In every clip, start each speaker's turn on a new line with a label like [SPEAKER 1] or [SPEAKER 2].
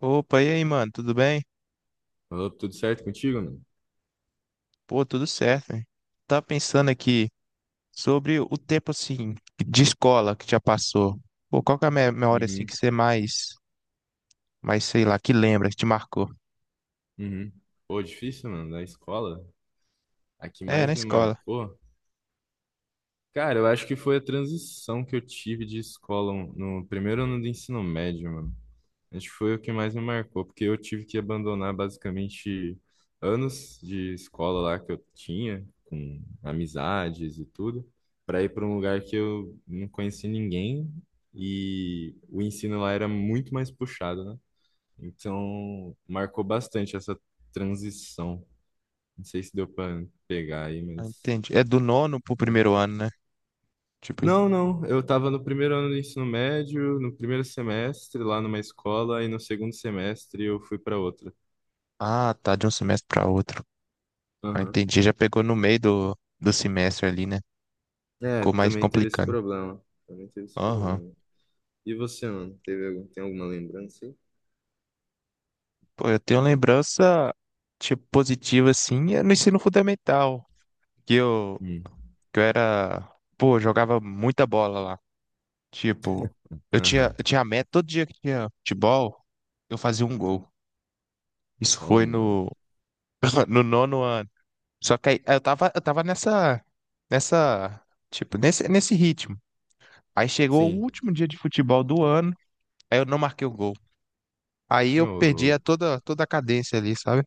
[SPEAKER 1] Opa, e aí, mano, tudo bem?
[SPEAKER 2] Falou tudo certo contigo, mano?
[SPEAKER 1] Pô, tudo certo, hein? Tava pensando aqui sobre o tempo, assim, de escola que já passou. Pô, qual que é a memória, assim,
[SPEAKER 2] Uhum,
[SPEAKER 1] que você mais, mais, sei lá, que lembra, que te marcou?
[SPEAKER 2] uhum. Pô, difícil, mano, da escola. A que
[SPEAKER 1] É, na
[SPEAKER 2] mais me
[SPEAKER 1] escola.
[SPEAKER 2] marcou. Cara, eu acho que foi a transição que eu tive de escola um, no primeiro ano do ensino médio, mano. Acho que foi o que mais me marcou, porque eu tive que abandonar basicamente anos de escola lá que eu tinha, com amizades e tudo, para ir para um lugar que eu não conhecia ninguém e o ensino lá era muito mais puxado, né? Então, marcou bastante essa transição. Não sei se deu para pegar aí,
[SPEAKER 1] Ah,
[SPEAKER 2] mas.
[SPEAKER 1] entendi. É do nono pro primeiro
[SPEAKER 2] É.
[SPEAKER 1] ano, né? Tipo, isso.
[SPEAKER 2] Não, não. Eu estava no primeiro ano do ensino médio, no primeiro semestre, lá numa escola, e no segundo semestre eu fui para outra.
[SPEAKER 1] Ah, tá, de um semestre pra outro. Ah,
[SPEAKER 2] Aham.
[SPEAKER 1] entendi, já pegou no meio do semestre ali, né?
[SPEAKER 2] É,
[SPEAKER 1] Ficou mais
[SPEAKER 2] também teve esse
[SPEAKER 1] complicado.
[SPEAKER 2] problema. Também teve esse
[SPEAKER 1] Aham.
[SPEAKER 2] problema. E você, mano? Teve algum, tem alguma lembrança aí?
[SPEAKER 1] Pô, eu tenho lembrança, tipo, positiva, assim, é no ensino fundamental. Que eu,
[SPEAKER 2] Hum.
[SPEAKER 1] que eu era, pô, jogava muita bola lá. Tipo,
[SPEAKER 2] Aham.
[SPEAKER 1] eu tinha a meta, todo dia que tinha futebol, eu fazia um gol. Isso foi
[SPEAKER 2] Toma.
[SPEAKER 1] no, no nono ano. Só que aí eu tava nessa, tipo, nesse ritmo. Aí chegou o
[SPEAKER 2] Sim.
[SPEAKER 1] último dia de futebol do ano, aí eu não marquei o gol. Aí eu
[SPEAKER 2] Ô,
[SPEAKER 1] perdi a
[SPEAKER 2] louco.
[SPEAKER 1] toda a cadência ali, sabe?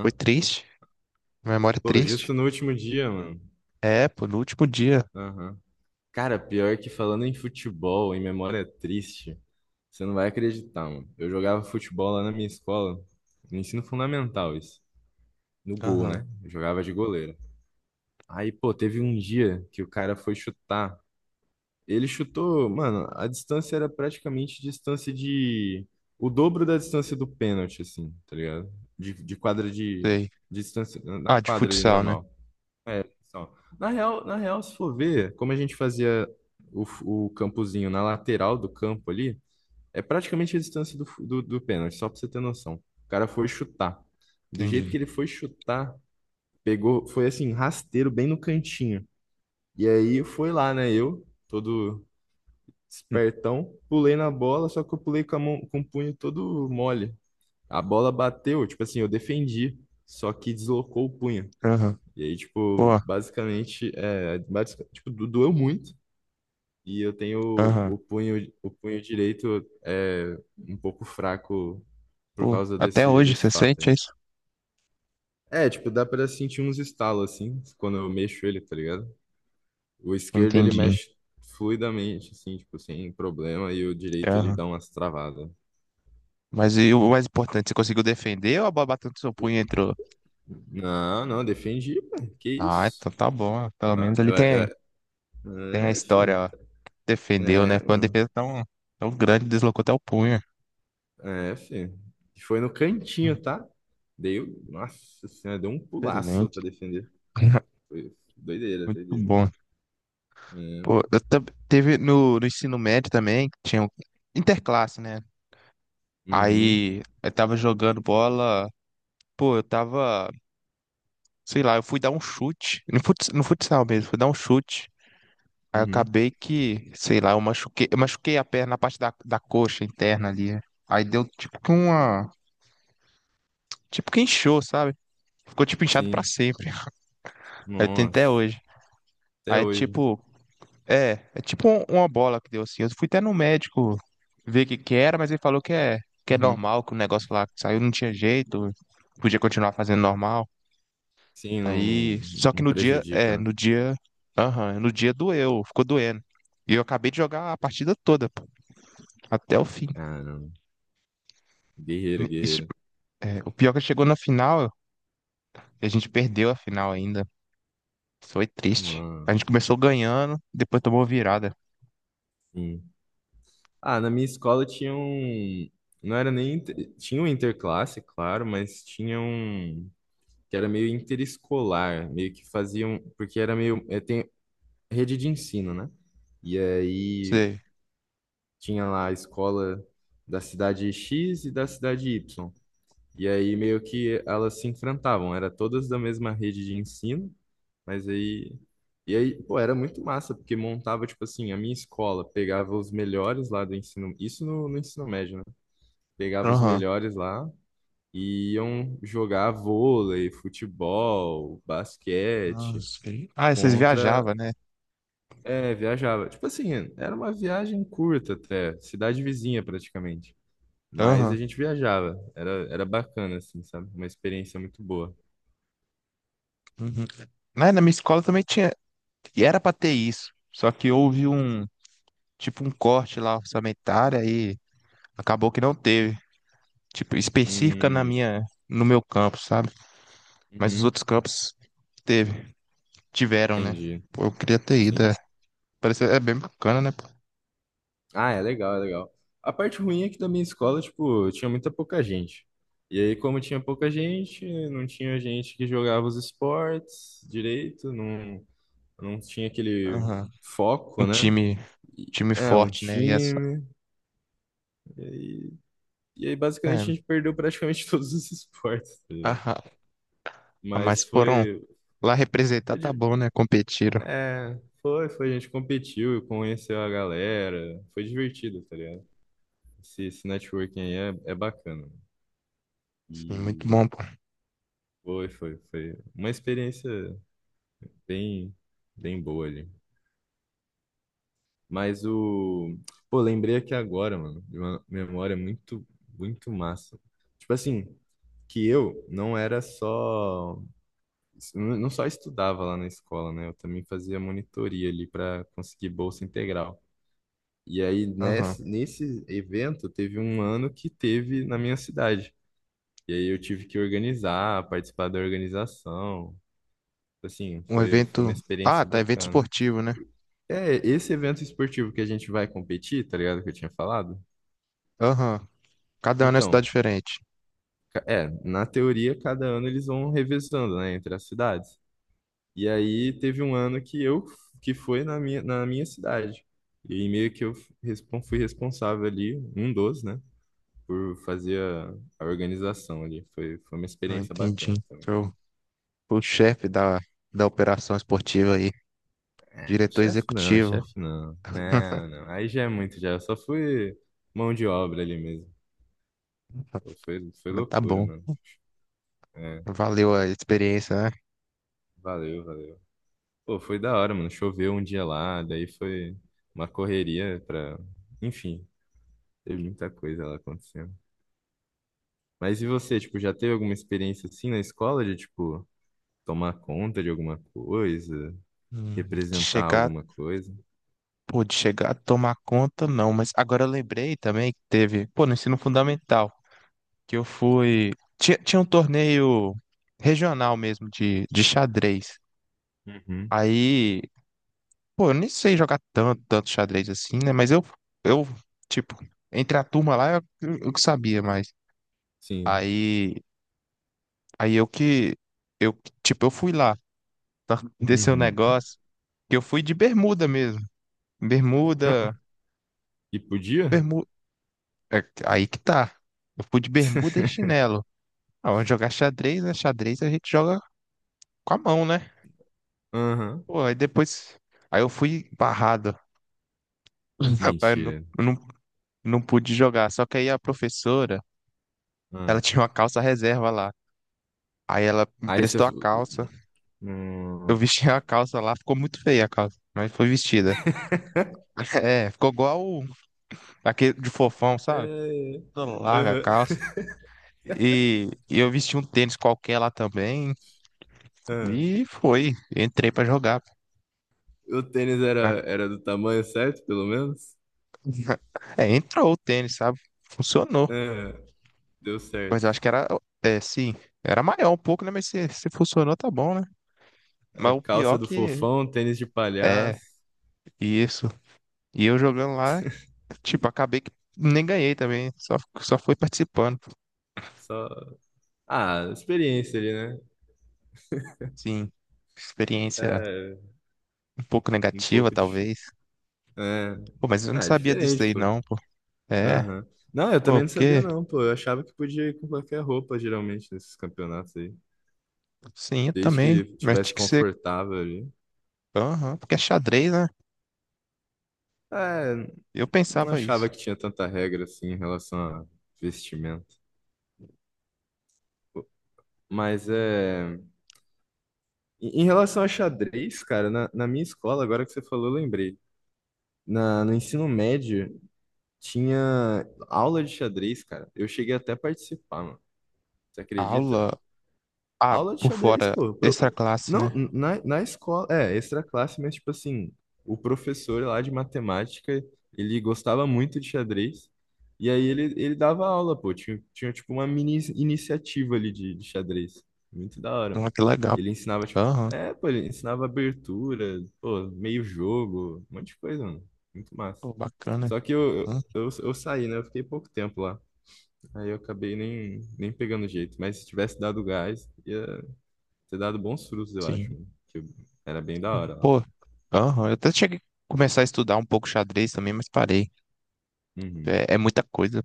[SPEAKER 1] Foi triste, memória
[SPEAKER 2] Pô,
[SPEAKER 1] triste.
[SPEAKER 2] justo no último dia, mano.
[SPEAKER 1] É, pô, no último dia.
[SPEAKER 2] Aham. Cara, pior que falando em futebol, em memória triste, você não vai acreditar, mano. Eu jogava futebol lá na minha escola, no ensino fundamental, isso. No gol,
[SPEAKER 1] Aham,
[SPEAKER 2] né? Eu jogava de goleiro. Aí, pô, teve um dia que o cara foi chutar. Ele chutou, mano, a distância era praticamente distância de. O dobro da distância do pênalti, assim, tá ligado? De quadra de.
[SPEAKER 1] sei.
[SPEAKER 2] Distância. Na
[SPEAKER 1] Ah, de
[SPEAKER 2] quadra ali
[SPEAKER 1] futsal, né?
[SPEAKER 2] normal. É, só. Na real, se for ver, como a gente fazia o campozinho na lateral do campo ali, é praticamente a distância do pênalti, só pra você ter noção. O cara foi chutar. Do jeito
[SPEAKER 1] Entendi.
[SPEAKER 2] que ele foi chutar, pegou, foi assim, rasteiro bem no cantinho. E aí foi lá, né? Eu, todo
[SPEAKER 1] Hum,
[SPEAKER 2] espertão, pulei na bola, só que eu pulei com a mão, com o punho todo mole. A bola bateu, tipo assim, eu defendi, só que deslocou o punho.
[SPEAKER 1] Aham,
[SPEAKER 2] E aí, tipo,
[SPEAKER 1] pô,
[SPEAKER 2] basicamente, tipo, doeu muito. E eu tenho
[SPEAKER 1] aham.
[SPEAKER 2] o punho direito é, um pouco fraco por
[SPEAKER 1] Pô,
[SPEAKER 2] causa
[SPEAKER 1] até
[SPEAKER 2] desse,
[SPEAKER 1] hoje
[SPEAKER 2] desse
[SPEAKER 1] você
[SPEAKER 2] fato aí.
[SPEAKER 1] sente isso?
[SPEAKER 2] É, tipo, dá pra sentir uns estalos, assim, quando eu mexo ele, tá ligado? O esquerdo, ele
[SPEAKER 1] Entendi.
[SPEAKER 2] mexe fluidamente, assim, tipo, sem problema. E o direito, ele
[SPEAKER 1] Aham.
[SPEAKER 2] dá umas travadas.
[SPEAKER 1] Mas e o mais importante, você conseguiu defender ou a bola batendo no seu punho e entrou?
[SPEAKER 2] Não, não, defendi, pô. Que
[SPEAKER 1] Ah,
[SPEAKER 2] isso?
[SPEAKER 1] então tá bom. Pelo
[SPEAKER 2] Ah,
[SPEAKER 1] menos ali
[SPEAKER 2] eu,
[SPEAKER 1] tem, tem
[SPEAKER 2] eu,
[SPEAKER 1] a
[SPEAKER 2] é,
[SPEAKER 1] história,
[SPEAKER 2] filho.
[SPEAKER 1] ó. Defendeu, né?
[SPEAKER 2] É,
[SPEAKER 1] Foi uma defesa
[SPEAKER 2] mano.
[SPEAKER 1] tão, tão grande, deslocou até o punho.
[SPEAKER 2] É, filho. Foi no cantinho, tá? Dei, nossa senhora, deu um pulaço
[SPEAKER 1] Excelente.
[SPEAKER 2] pra defender. Foi doideira,
[SPEAKER 1] Muito
[SPEAKER 2] doideira.
[SPEAKER 1] bom.
[SPEAKER 2] É,
[SPEAKER 1] Pô, eu teve no, no ensino médio também, tinha um interclasse, né?
[SPEAKER 2] uhum,
[SPEAKER 1] Aí eu tava jogando bola, pô, eu tava, sei lá, eu fui dar um chute, no no futsal mesmo, fui dar um chute. Aí eu
[SPEAKER 2] uhum,
[SPEAKER 1] acabei que, sei lá, eu machuquei a perna, a parte da coxa interna ali. É. Aí deu tipo que uma. Tipo que inchou, sabe? Ficou tipo inchado pra
[SPEAKER 2] sim.
[SPEAKER 1] sempre. Aí tem até
[SPEAKER 2] Nossa,
[SPEAKER 1] hoje.
[SPEAKER 2] até
[SPEAKER 1] Aí
[SPEAKER 2] hoje.
[SPEAKER 1] tipo. É, é tipo uma bola que deu assim. Eu fui até no médico ver o que que era, mas ele falou que é
[SPEAKER 2] Uhum.
[SPEAKER 1] normal, que o negócio lá que saiu não tinha jeito, podia continuar fazendo normal.
[SPEAKER 2] Sim, não,
[SPEAKER 1] Aí.
[SPEAKER 2] não,
[SPEAKER 1] Só que
[SPEAKER 2] não
[SPEAKER 1] no dia.
[SPEAKER 2] prejudica,
[SPEAKER 1] É,
[SPEAKER 2] né?
[SPEAKER 1] no dia. Aham, no dia doeu, ficou doendo. E eu acabei de jogar a partida toda, pô, até o fim.
[SPEAKER 2] Caramba, guerreira,
[SPEAKER 1] Isso.
[SPEAKER 2] guerreira.
[SPEAKER 1] É, o pior é que chegou na final e a gente perdeu a final ainda. Foi triste.
[SPEAKER 2] Nossa,
[SPEAKER 1] A gente começou ganhando, depois tomou virada.
[SPEAKER 2] sim. Ah, na minha escola tinha um. Não era nem. Tinha um interclasse, claro, mas tinha um. Que era meio interescolar, meio que faziam. Porque era meio. É, tem, rede de ensino, né? E aí
[SPEAKER 1] Sei.
[SPEAKER 2] tinha lá a escola da cidade X e da cidade Y. E aí meio que elas se enfrentavam, era todas da mesma rede de ensino, mas aí e aí, pô, era muito massa, porque montava, tipo assim, a minha escola pegava os melhores lá do ensino, isso no ensino médio, né? Pegava os
[SPEAKER 1] Aham.
[SPEAKER 2] melhores lá e iam jogar vôlei, futebol,
[SPEAKER 1] Ah,
[SPEAKER 2] basquete
[SPEAKER 1] sei. Ah, vocês
[SPEAKER 2] contra.
[SPEAKER 1] viajavam, né?
[SPEAKER 2] É, viajava. Tipo assim, era uma viagem curta até, cidade vizinha praticamente. Mas a
[SPEAKER 1] Aham.
[SPEAKER 2] gente viajava, era bacana, assim, sabe? Uma experiência muito boa.
[SPEAKER 1] Uhum. Na, na minha escola também tinha. E era pra ter isso. Só que houve um. Tipo, um corte lá orçamentário e acabou que não teve. Tipo, específica na
[SPEAKER 2] Hum,
[SPEAKER 1] minha. No meu campus, sabe? Mas os
[SPEAKER 2] uhum,
[SPEAKER 1] outros campos teve. Tiveram, né?
[SPEAKER 2] entendi,
[SPEAKER 1] Pô, eu queria ter ido.
[SPEAKER 2] sim.
[SPEAKER 1] É. Parece, é bem bacana, né? Pô?
[SPEAKER 2] Ah, é legal, é legal. A parte ruim é que da minha escola, tipo, tinha muita pouca gente. E aí, como tinha pouca gente, não tinha gente que jogava os esportes direito, não, não tinha aquele
[SPEAKER 1] Aham.
[SPEAKER 2] foco,
[SPEAKER 1] Um
[SPEAKER 2] né?
[SPEAKER 1] time, time
[SPEAKER 2] É, um
[SPEAKER 1] forte, né? E essa,
[SPEAKER 2] time. E aí,
[SPEAKER 1] é,
[SPEAKER 2] basicamente, a gente perdeu praticamente todos os esportes, tá ligado?
[SPEAKER 1] aham. Ah, mas
[SPEAKER 2] Mas
[SPEAKER 1] foram
[SPEAKER 2] foi,
[SPEAKER 1] lá representar,
[SPEAKER 2] foi
[SPEAKER 1] tá
[SPEAKER 2] di-
[SPEAKER 1] bom, né? Competiram.
[SPEAKER 2] É, foi, foi. A gente competiu, conheceu a galera. Foi divertido, tá ligado? Esse networking aí é bacana.
[SPEAKER 1] Sim, muito
[SPEAKER 2] E
[SPEAKER 1] bom, pô.
[SPEAKER 2] foi uma experiência bem, bem boa ali. Mas o. Pô, lembrei aqui agora, mano, de uma memória muito, muito massa. Tipo assim, que eu não só estudava lá na escola, né? Eu também fazia monitoria ali para conseguir bolsa integral. E aí,
[SPEAKER 1] Aham.
[SPEAKER 2] nesse evento, teve um ano que teve na minha cidade. E aí eu tive que organizar, participar da organização. Assim,
[SPEAKER 1] Um
[SPEAKER 2] foi uma
[SPEAKER 1] evento. Ah,
[SPEAKER 2] experiência
[SPEAKER 1] tá, evento
[SPEAKER 2] bacana.
[SPEAKER 1] esportivo, né?
[SPEAKER 2] É, esse evento esportivo que a gente vai competir, tá ligado? Que eu tinha falado.
[SPEAKER 1] Aham. Cada ano é uma cidade
[SPEAKER 2] Então,
[SPEAKER 1] diferente.
[SPEAKER 2] na teoria, cada ano eles vão revezando, né, entre as cidades. E aí teve um ano que foi na minha cidade. E meio que eu fui responsável ali, um dos, né, por fazer a organização ali. Foi uma
[SPEAKER 1] Ah,
[SPEAKER 2] experiência
[SPEAKER 1] entendi.
[SPEAKER 2] bacana também.
[SPEAKER 1] Eu fui o chefe da operação esportiva aí, diretor
[SPEAKER 2] Chefe não,
[SPEAKER 1] executivo.
[SPEAKER 2] chefe não. Não, não. Aí já é muito, já. Eu só fui mão de obra ali mesmo. Pô, foi
[SPEAKER 1] Mas tá
[SPEAKER 2] loucura,
[SPEAKER 1] bom.
[SPEAKER 2] mano. É,
[SPEAKER 1] Valeu a experiência, né?
[SPEAKER 2] valeu, valeu. Pô, foi da hora, mano. Choveu um dia lá, daí foi uma correria pra. Enfim, teve muita coisa lá acontecendo. Mas e você, tipo, já teve alguma experiência assim na escola de, tipo, tomar conta de alguma coisa,
[SPEAKER 1] De
[SPEAKER 2] representar
[SPEAKER 1] chegar,
[SPEAKER 2] alguma coisa?
[SPEAKER 1] pô, de chegar a tomar conta, não. Mas agora eu lembrei também que teve, pô, no ensino fundamental, que eu fui. Tinha um torneio regional mesmo de xadrez.
[SPEAKER 2] Uhum.
[SPEAKER 1] Aí. Pô, eu nem sei jogar tanto, tanto xadrez assim, né? Mas eu, tipo, entre a turma lá, eu que sabia, mas
[SPEAKER 2] Sim.
[SPEAKER 1] aí, aí eu que, eu, tipo, eu fui lá, tá? Desse o
[SPEAKER 2] Uhum.
[SPEAKER 1] negócio, que eu fui de bermuda mesmo,
[SPEAKER 2] Ah, ah.
[SPEAKER 1] bermuda,
[SPEAKER 2] E podia?
[SPEAKER 1] bermuda, aí que tá, eu fui de bermuda e chinelo. Ah, vamos jogar xadrez, né? Xadrez a gente joga com a mão, né?
[SPEAKER 2] Aham.
[SPEAKER 1] Pô, aí depois, aí eu fui barrado,
[SPEAKER 2] Mentira.
[SPEAKER 1] eu não, não pude jogar, só que aí a professora, ela
[SPEAKER 2] Ah.
[SPEAKER 1] tinha uma calça reserva lá. Aí ela me
[SPEAKER 2] Aí você.
[SPEAKER 1] emprestou a calça. Eu
[SPEAKER 2] Nossa.
[SPEAKER 1] vesti a calça lá, ficou muito feia a calça, mas foi vestida. É, ficou igual aquele de fofão,
[SPEAKER 2] É,
[SPEAKER 1] sabe?
[SPEAKER 2] é.
[SPEAKER 1] Toda larga a
[SPEAKER 2] Aham.
[SPEAKER 1] calça. E eu vesti um tênis qualquer lá também.
[SPEAKER 2] Ah,
[SPEAKER 1] E foi. Entrei pra jogar.
[SPEAKER 2] o tênis era do tamanho certo, pelo menos?
[SPEAKER 1] É, entrou o tênis, sabe? Funcionou.
[SPEAKER 2] Ah, deu
[SPEAKER 1] Mas eu
[SPEAKER 2] certo.
[SPEAKER 1] acho que era. É, sim. Era maior um pouco, né? Mas se funcionou, tá bom, né?
[SPEAKER 2] A
[SPEAKER 1] Mas o
[SPEAKER 2] calça
[SPEAKER 1] pior
[SPEAKER 2] do
[SPEAKER 1] que.
[SPEAKER 2] fofão, tênis de
[SPEAKER 1] É,
[SPEAKER 2] palhaço,
[SPEAKER 1] isso. E eu jogando lá, tipo, acabei que nem ganhei também. Só fui participando.
[SPEAKER 2] só. Ah, experiência ali, né?
[SPEAKER 1] Sim, experiência
[SPEAKER 2] É
[SPEAKER 1] um pouco
[SPEAKER 2] um
[SPEAKER 1] negativa,
[SPEAKER 2] pouco diferente.
[SPEAKER 1] talvez.
[SPEAKER 2] É...
[SPEAKER 1] Pô, mas eu não
[SPEAKER 2] Ah, é
[SPEAKER 1] sabia disso
[SPEAKER 2] diferente,
[SPEAKER 1] daí,
[SPEAKER 2] pô.
[SPEAKER 1] não, pô. É,
[SPEAKER 2] Aham. Não, eu também
[SPEAKER 1] pô,
[SPEAKER 2] não sabia,
[SPEAKER 1] porque,
[SPEAKER 2] não, pô. Eu achava que podia ir com qualquer roupa, geralmente, nesses campeonatos aí.
[SPEAKER 1] sim, eu
[SPEAKER 2] Desde
[SPEAKER 1] também,
[SPEAKER 2] que
[SPEAKER 1] mas tinha
[SPEAKER 2] tivesse
[SPEAKER 1] que ser,
[SPEAKER 2] confortável ali.
[SPEAKER 1] aham, porque é xadrez, né?
[SPEAKER 2] É,
[SPEAKER 1] Eu
[SPEAKER 2] não
[SPEAKER 1] pensava isso.
[SPEAKER 2] achava que tinha tanta regra assim em relação a vestimento. Mas é. Em relação a xadrez, cara, na minha escola, agora que você falou, eu lembrei. No ensino médio, tinha aula de xadrez, cara. Eu cheguei até a participar, mano. Você acredita?
[SPEAKER 1] Aula, ah,
[SPEAKER 2] Aula de
[SPEAKER 1] por
[SPEAKER 2] xadrez,
[SPEAKER 1] fora,
[SPEAKER 2] pô.
[SPEAKER 1] extra classe,
[SPEAKER 2] Não,
[SPEAKER 1] né?
[SPEAKER 2] na escola, é, extra classe, mas tipo assim, o professor lá de matemática, ele gostava muito de xadrez, e aí ele dava aula, pô. Tinha tipo uma mini iniciativa ali de xadrez. Muito da hora,
[SPEAKER 1] Ah,
[SPEAKER 2] mano.
[SPEAKER 1] que legal.
[SPEAKER 2] Ele ensinava, tipo,
[SPEAKER 1] Aham,
[SPEAKER 2] ele ensinava abertura, pô, meio jogo, um monte de coisa, mano. Muito massa.
[SPEAKER 1] pô, bacana.
[SPEAKER 2] Só que eu,
[SPEAKER 1] Hum,
[SPEAKER 2] eu, eu, eu saí, né? Eu fiquei pouco tempo lá. Aí eu acabei nem pegando jeito. Mas se tivesse dado gás, ia ter dado bons frutos, eu acho,
[SPEAKER 1] sim.
[SPEAKER 2] né? Que eu- Era bem da hora lá.
[SPEAKER 1] Pô, aham, eu até cheguei a começar a estudar um pouco xadrez também, mas parei.
[SPEAKER 2] Uhum.
[SPEAKER 1] É, é muita coisa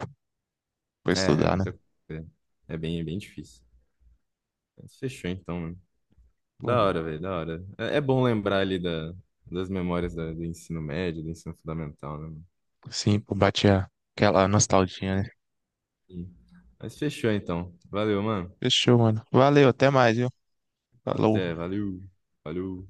[SPEAKER 1] pra
[SPEAKER 2] É
[SPEAKER 1] estudar, né?
[SPEAKER 2] muita coisa. É bem difícil. Mas fechou então, mano.
[SPEAKER 1] Pô,
[SPEAKER 2] Da hora, velho, da hora. É, é bom lembrar ali das memórias do ensino médio, do ensino fundamental, né, mano?
[SPEAKER 1] sim, pô, aquela nostalgia, né?
[SPEAKER 2] Sim. Mas fechou então. Valeu, mano.
[SPEAKER 1] Fechou, mano. Valeu, até mais, viu? Falou.
[SPEAKER 2] Até, valeu. Valeu.